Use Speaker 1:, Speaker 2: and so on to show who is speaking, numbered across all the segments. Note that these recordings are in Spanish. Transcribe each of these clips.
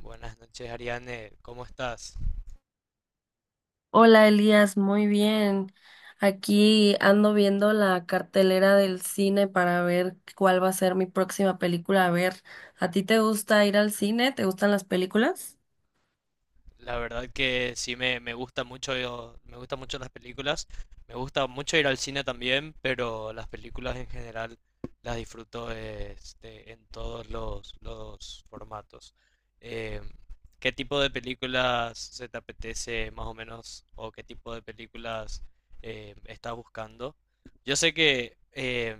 Speaker 1: Buenas noches, Ariane. ¿Cómo estás?
Speaker 2: Hola Elías, muy bien. Aquí ando viendo la cartelera del cine para ver cuál va a ser mi próxima película. A ver, ¿a ti te gusta ir al cine? ¿Te gustan las películas?
Speaker 1: La verdad que sí me gusta mucho, me gustan mucho las películas. Me gusta mucho ir al cine también, pero las películas en general las disfruto en los formatos. Eh, ¿Qué tipo de películas se te apetece más o menos? ¿O qué tipo de películas estás buscando? Yo sé que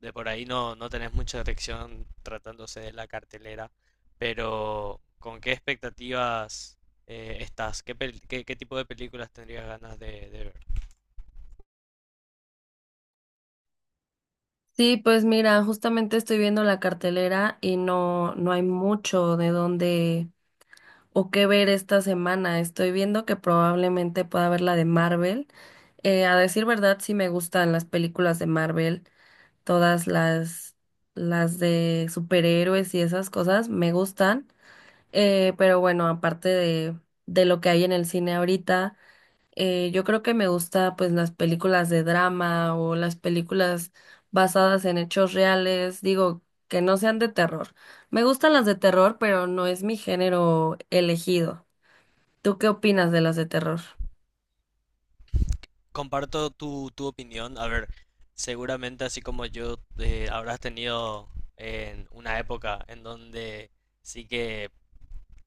Speaker 1: de por ahí no tenés mucha elección tratándose de la cartelera, pero ¿con qué expectativas? ¿Estás? ¿Qué, qué, qué tipo de películas tendrías ganas de ver?
Speaker 2: Sí, pues mira, justamente estoy viendo la cartelera y no, no hay mucho de dónde o qué ver esta semana. Estoy viendo que probablemente pueda ver la de Marvel. A decir verdad, sí me gustan las películas de Marvel, todas las de superhéroes y esas cosas me gustan. Pero bueno, aparte de lo que hay en el cine ahorita, yo creo que me gusta pues las películas de drama o las películas basadas en hechos reales, digo, que no sean de terror. Me gustan las de terror, pero no es mi género elegido. ¿Tú qué opinas de las de terror?
Speaker 1: Comparto tu opinión. A ver, seguramente así como yo habrás tenido en una época en donde sí que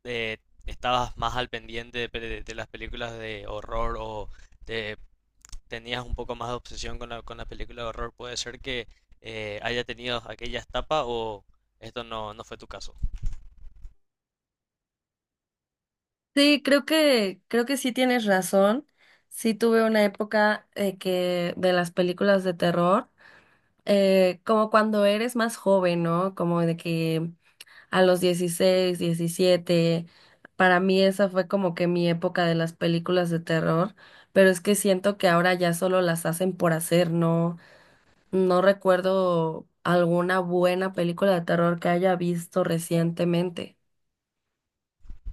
Speaker 1: eh, estabas más al pendiente de, de las películas de horror o de- tenías un poco más de obsesión con con la película de horror. Puede ser que haya tenido aquella etapa o esto no fue tu caso.
Speaker 2: Sí, creo que sí tienes razón. Sí tuve una época que de las películas de terror, como cuando eres más joven, ¿no? Como de que a los 16, 17, para mí esa fue como que mi época de las películas de terror, pero es que siento que ahora ya solo las hacen por hacer, ¿no? No recuerdo alguna buena película de terror que haya visto recientemente.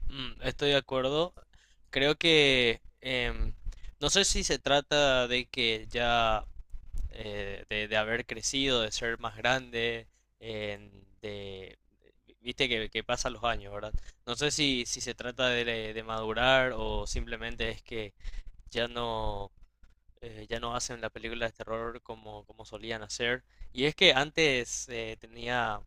Speaker 1: Mm, estoy de acuerdo. Creo que no sé si se trata de que ya de haber crecido, de ser más grande, de, viste que pasan los años, ¿verdad? No sé si, si se trata de madurar o simplemente es que ya no ya no hacen la película de terror como, como solían hacer. Y es que antes tenía,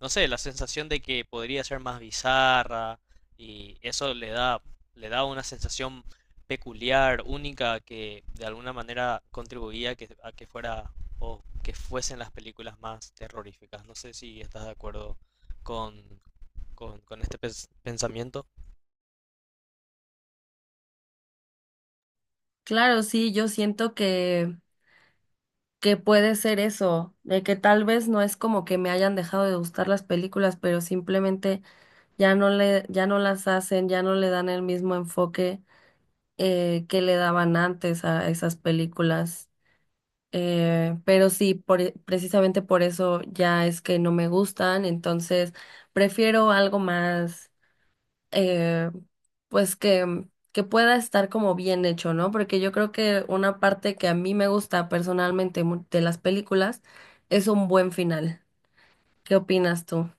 Speaker 1: no sé, la sensación de que podría ser más bizarra y eso le da una sensación peculiar, única, que de alguna manera contribuía a que fuera o que fuesen las películas más terroríficas. No sé si estás de acuerdo con, con este pensamiento.
Speaker 2: Claro, sí, yo siento que puede ser eso, de que tal vez no es como que me hayan dejado de gustar las películas, pero simplemente ya no le, ya no las hacen, ya no le dan el mismo enfoque que le daban antes a esas películas. Pero sí, por, precisamente por eso ya es que no me gustan, entonces prefiero algo más eh, pues que pueda estar como bien hecho, ¿no? Porque yo creo que una parte que a mí me gusta personalmente de las películas es un buen final. ¿Qué opinas tú?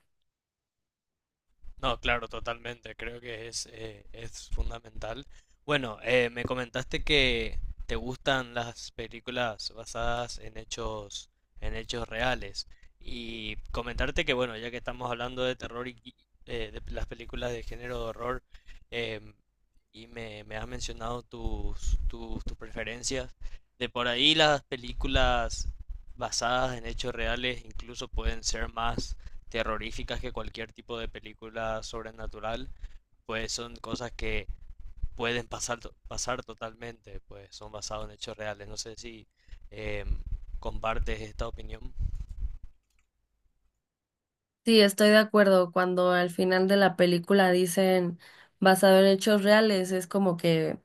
Speaker 1: No, claro, totalmente. Creo que es fundamental. Bueno, me comentaste que te gustan las películas basadas en hechos reales. Y comentarte que, bueno, ya que estamos hablando de terror y de las películas de género de horror, em, y me has mencionado tus tus preferencias, de por ahí las películas basadas en hechos reales incluso pueden ser más terroríficas que cualquier tipo de película sobrenatural, pues son cosas que pueden pasar, pasar totalmente, pues son basados en hechos reales. No sé si eh, compartes esta opinión.
Speaker 2: Sí, estoy de acuerdo. Cuando al final de la película dicen basado en hechos reales, es como que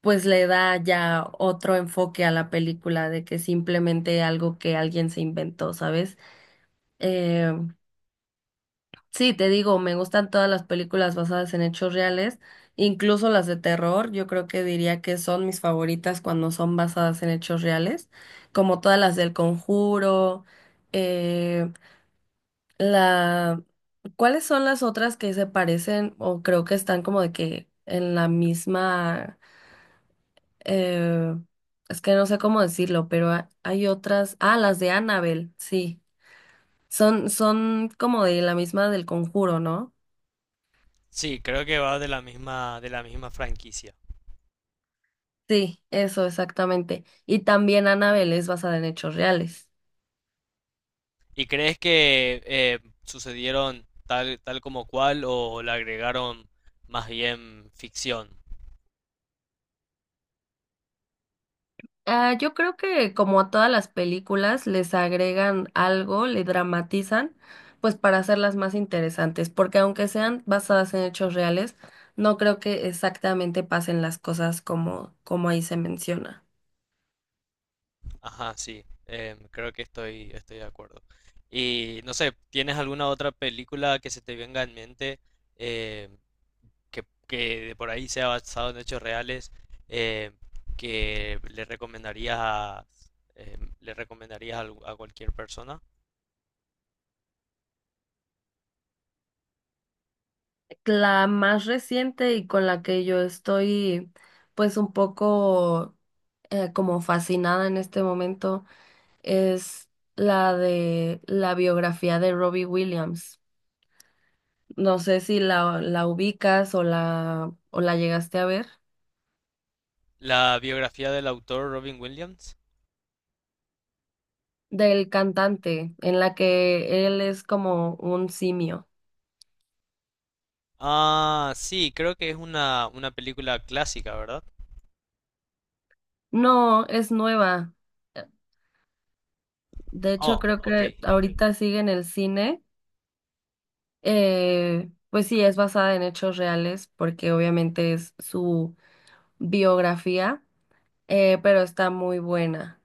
Speaker 2: pues le da ya otro enfoque a la película de que simplemente algo que alguien se inventó, ¿sabes? Eh, Sí, te digo, me gustan todas las películas basadas en hechos reales, incluso las de terror, yo creo que diría que son mis favoritas cuando son basadas en hechos reales, como todas las del Conjuro, eh, la... ¿Cuáles son las otras que se parecen o creo que están como de que en la misma... eh, es que no sé cómo decirlo, pero hay otras... Ah, las de Annabelle, sí. Son, son como de la misma del Conjuro, ¿no?
Speaker 1: Sí, creo que va de la misma franquicia.
Speaker 2: Sí, eso exactamente. Y también Annabelle es basada en hechos reales.
Speaker 1: ¿Y crees que sucedieron tal, tal como cual o le agregaron más bien ficción?
Speaker 2: Ah, yo creo que como a todas las películas les agregan algo, le dramatizan, pues para hacerlas más interesantes, porque aunque sean basadas en hechos reales, no creo que exactamente pasen las cosas como, como ahí se menciona.
Speaker 1: Ajá, sí, creo que estoy, estoy de acuerdo. Y no sé, ¿tienes alguna otra película que se te venga en mente em, que de por ahí sea basado en hechos reales em, que le recomendarías a, le recomendarías a cualquier persona?
Speaker 2: La más reciente y con la que yo estoy pues un poco como fascinada en este momento, es la de la biografía de Robbie Williams. No sé si la, la ubicas o la llegaste a ver.
Speaker 1: La biografía del autor Robin Williams.
Speaker 2: Del cantante, en la que él es como un simio.
Speaker 1: Ah, sí, creo que es una película clásica, ¿verdad?
Speaker 2: No, es nueva. De hecho,
Speaker 1: Oh,
Speaker 2: creo
Speaker 1: ok.
Speaker 2: que ahorita sigue en el cine. Pues sí, es basada en hechos reales, porque obviamente es su biografía, pero está muy buena.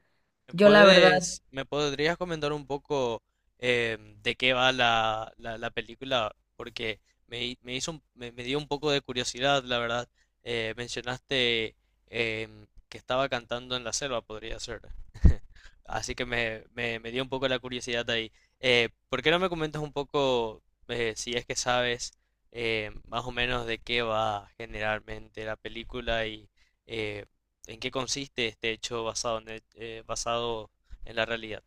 Speaker 1: ¿Me Bueno, bueno.
Speaker 2: Yo la verdad...
Speaker 1: puedes, me podrías comentar un poco de qué va la, la, la película? Porque me, me hizo, me, me dio un poco de curiosidad, la verdad. Mencionaste que estaba cantando en la selva, podría ser. Así que me dio un poco la curiosidad ahí. ¿Por qué no me comentas un poco, si es que sabes, más o menos de qué va generalmente la película y, eh, ¿en qué consiste este hecho basado en, basado en la realidad?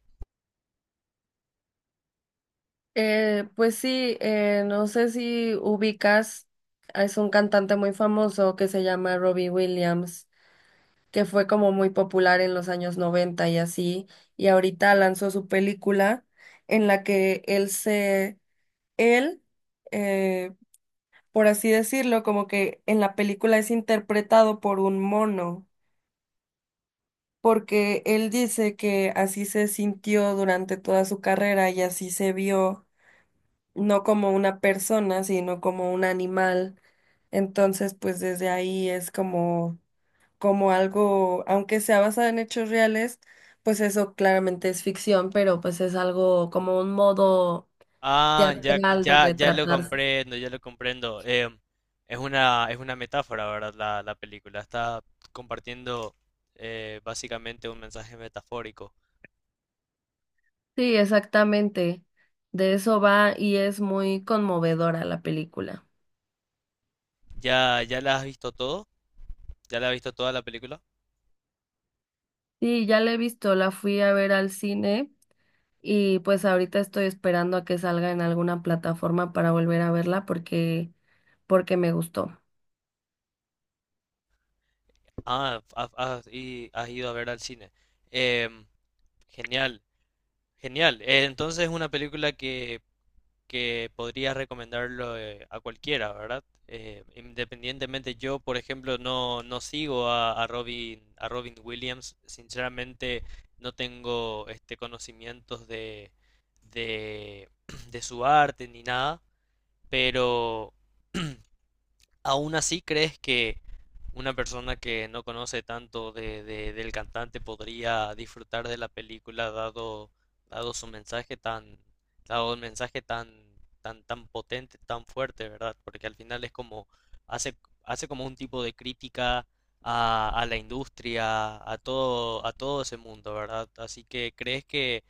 Speaker 2: Pues sí, no sé si ubicas, es un cantante muy famoso que se llama Robbie Williams, que fue como muy popular en los años 90 y así, y ahorita lanzó su película en la que él, eh, por así decirlo, como que en la película es interpretado por un mono, porque él dice que así se sintió durante toda su carrera y así se vio no como una persona, sino como un animal. Entonces, pues desde ahí es como, como algo, aunque sea basado en hechos reales, pues eso claramente es ficción, pero pues es algo como un modo
Speaker 1: Ah, ya
Speaker 2: teatral de
Speaker 1: ya, ya, lo
Speaker 2: retratarse.
Speaker 1: comprendo, ya lo comprendo. Em, es una metáfora, ¿verdad? La película está compartiendo básicamente un mensaje metafórico.
Speaker 2: Sí, exactamente. De eso va y es muy conmovedora la película.
Speaker 1: ¿Ya, ya la has visto todo? ¿Ya la has visto toda la película?
Speaker 2: Sí, ya la he visto, la fui a ver al cine. Y pues ahorita estoy esperando a que salga en alguna plataforma para volver a verla porque, porque me gustó.
Speaker 1: Ah, has, y has ido a ver al cine. Em, genial, genial. Entonces es una película que podría recomendarlo a cualquiera, ¿verdad? Independientemente, yo, por ejemplo, no sigo a Robin Williams. Sinceramente, no tengo este conocimientos de, de su arte ni nada, pero aún así crees que una persona que no conoce tanto de, del cantante podría disfrutar de la película dado, dado su mensaje tan, dado el mensaje tan, tan, tan potente, tan fuerte, ¿verdad? Porque al final es como, hace, hace como un tipo de crítica a la industria, a todo ese mundo, ¿verdad? Así que crees que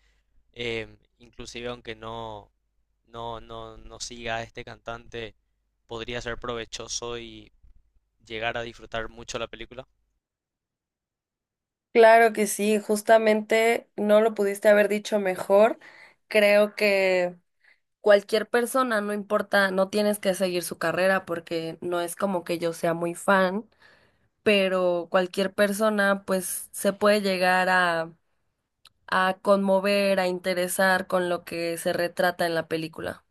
Speaker 1: em, inclusive aunque no siga a este cantante, podría ser provechoso y llegar a disfrutar mucho la película.
Speaker 2: Claro que sí, justamente no lo pudiste haber dicho mejor. Creo que... Cualquier persona, no importa, no tienes que seguir su carrera porque no es como que yo sea muy fan, pero cualquier persona pues se puede llegar a conmover, a interesar con lo que se retrata en la película.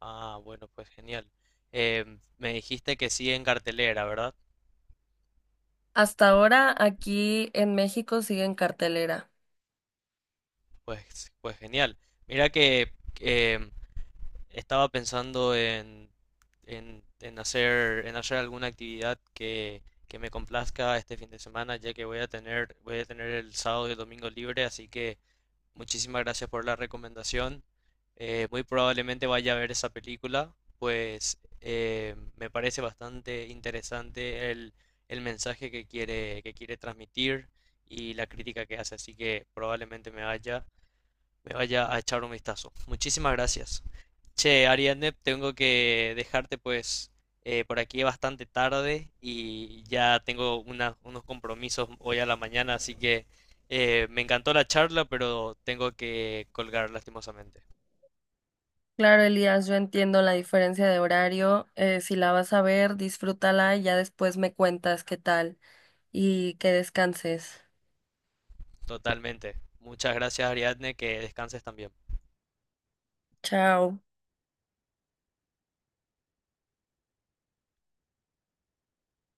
Speaker 1: Ah, bueno, pues genial. Em, me dijiste que sigue en cartelera, ¿verdad?
Speaker 2: Hasta ahora aquí en México sigue en cartelera.
Speaker 1: Pues, pues genial. Mira que em, estaba pensando en hacer alguna actividad que me complazca este fin de semana, ya que voy a tener el sábado y el domingo libre, así que muchísimas gracias por la recomendación. Muy probablemente vaya a ver esa película, pues me parece bastante interesante el mensaje que quiere transmitir y la crítica que hace, así que probablemente me vaya a echar un vistazo. Muchísimas gracias. Che, Ariadne, tengo que dejarte pues por aquí bastante tarde y ya tengo unos compromisos hoy a la mañana, así que me encantó la charla, pero tengo que colgar lastimosamente.
Speaker 2: Claro, Elías, yo entiendo la diferencia de horario. Si la vas a ver, disfrútala y ya después me cuentas qué tal y que descanses.
Speaker 1: Totalmente. Muchas gracias, Ariadne, que descanses también.
Speaker 2: Chao.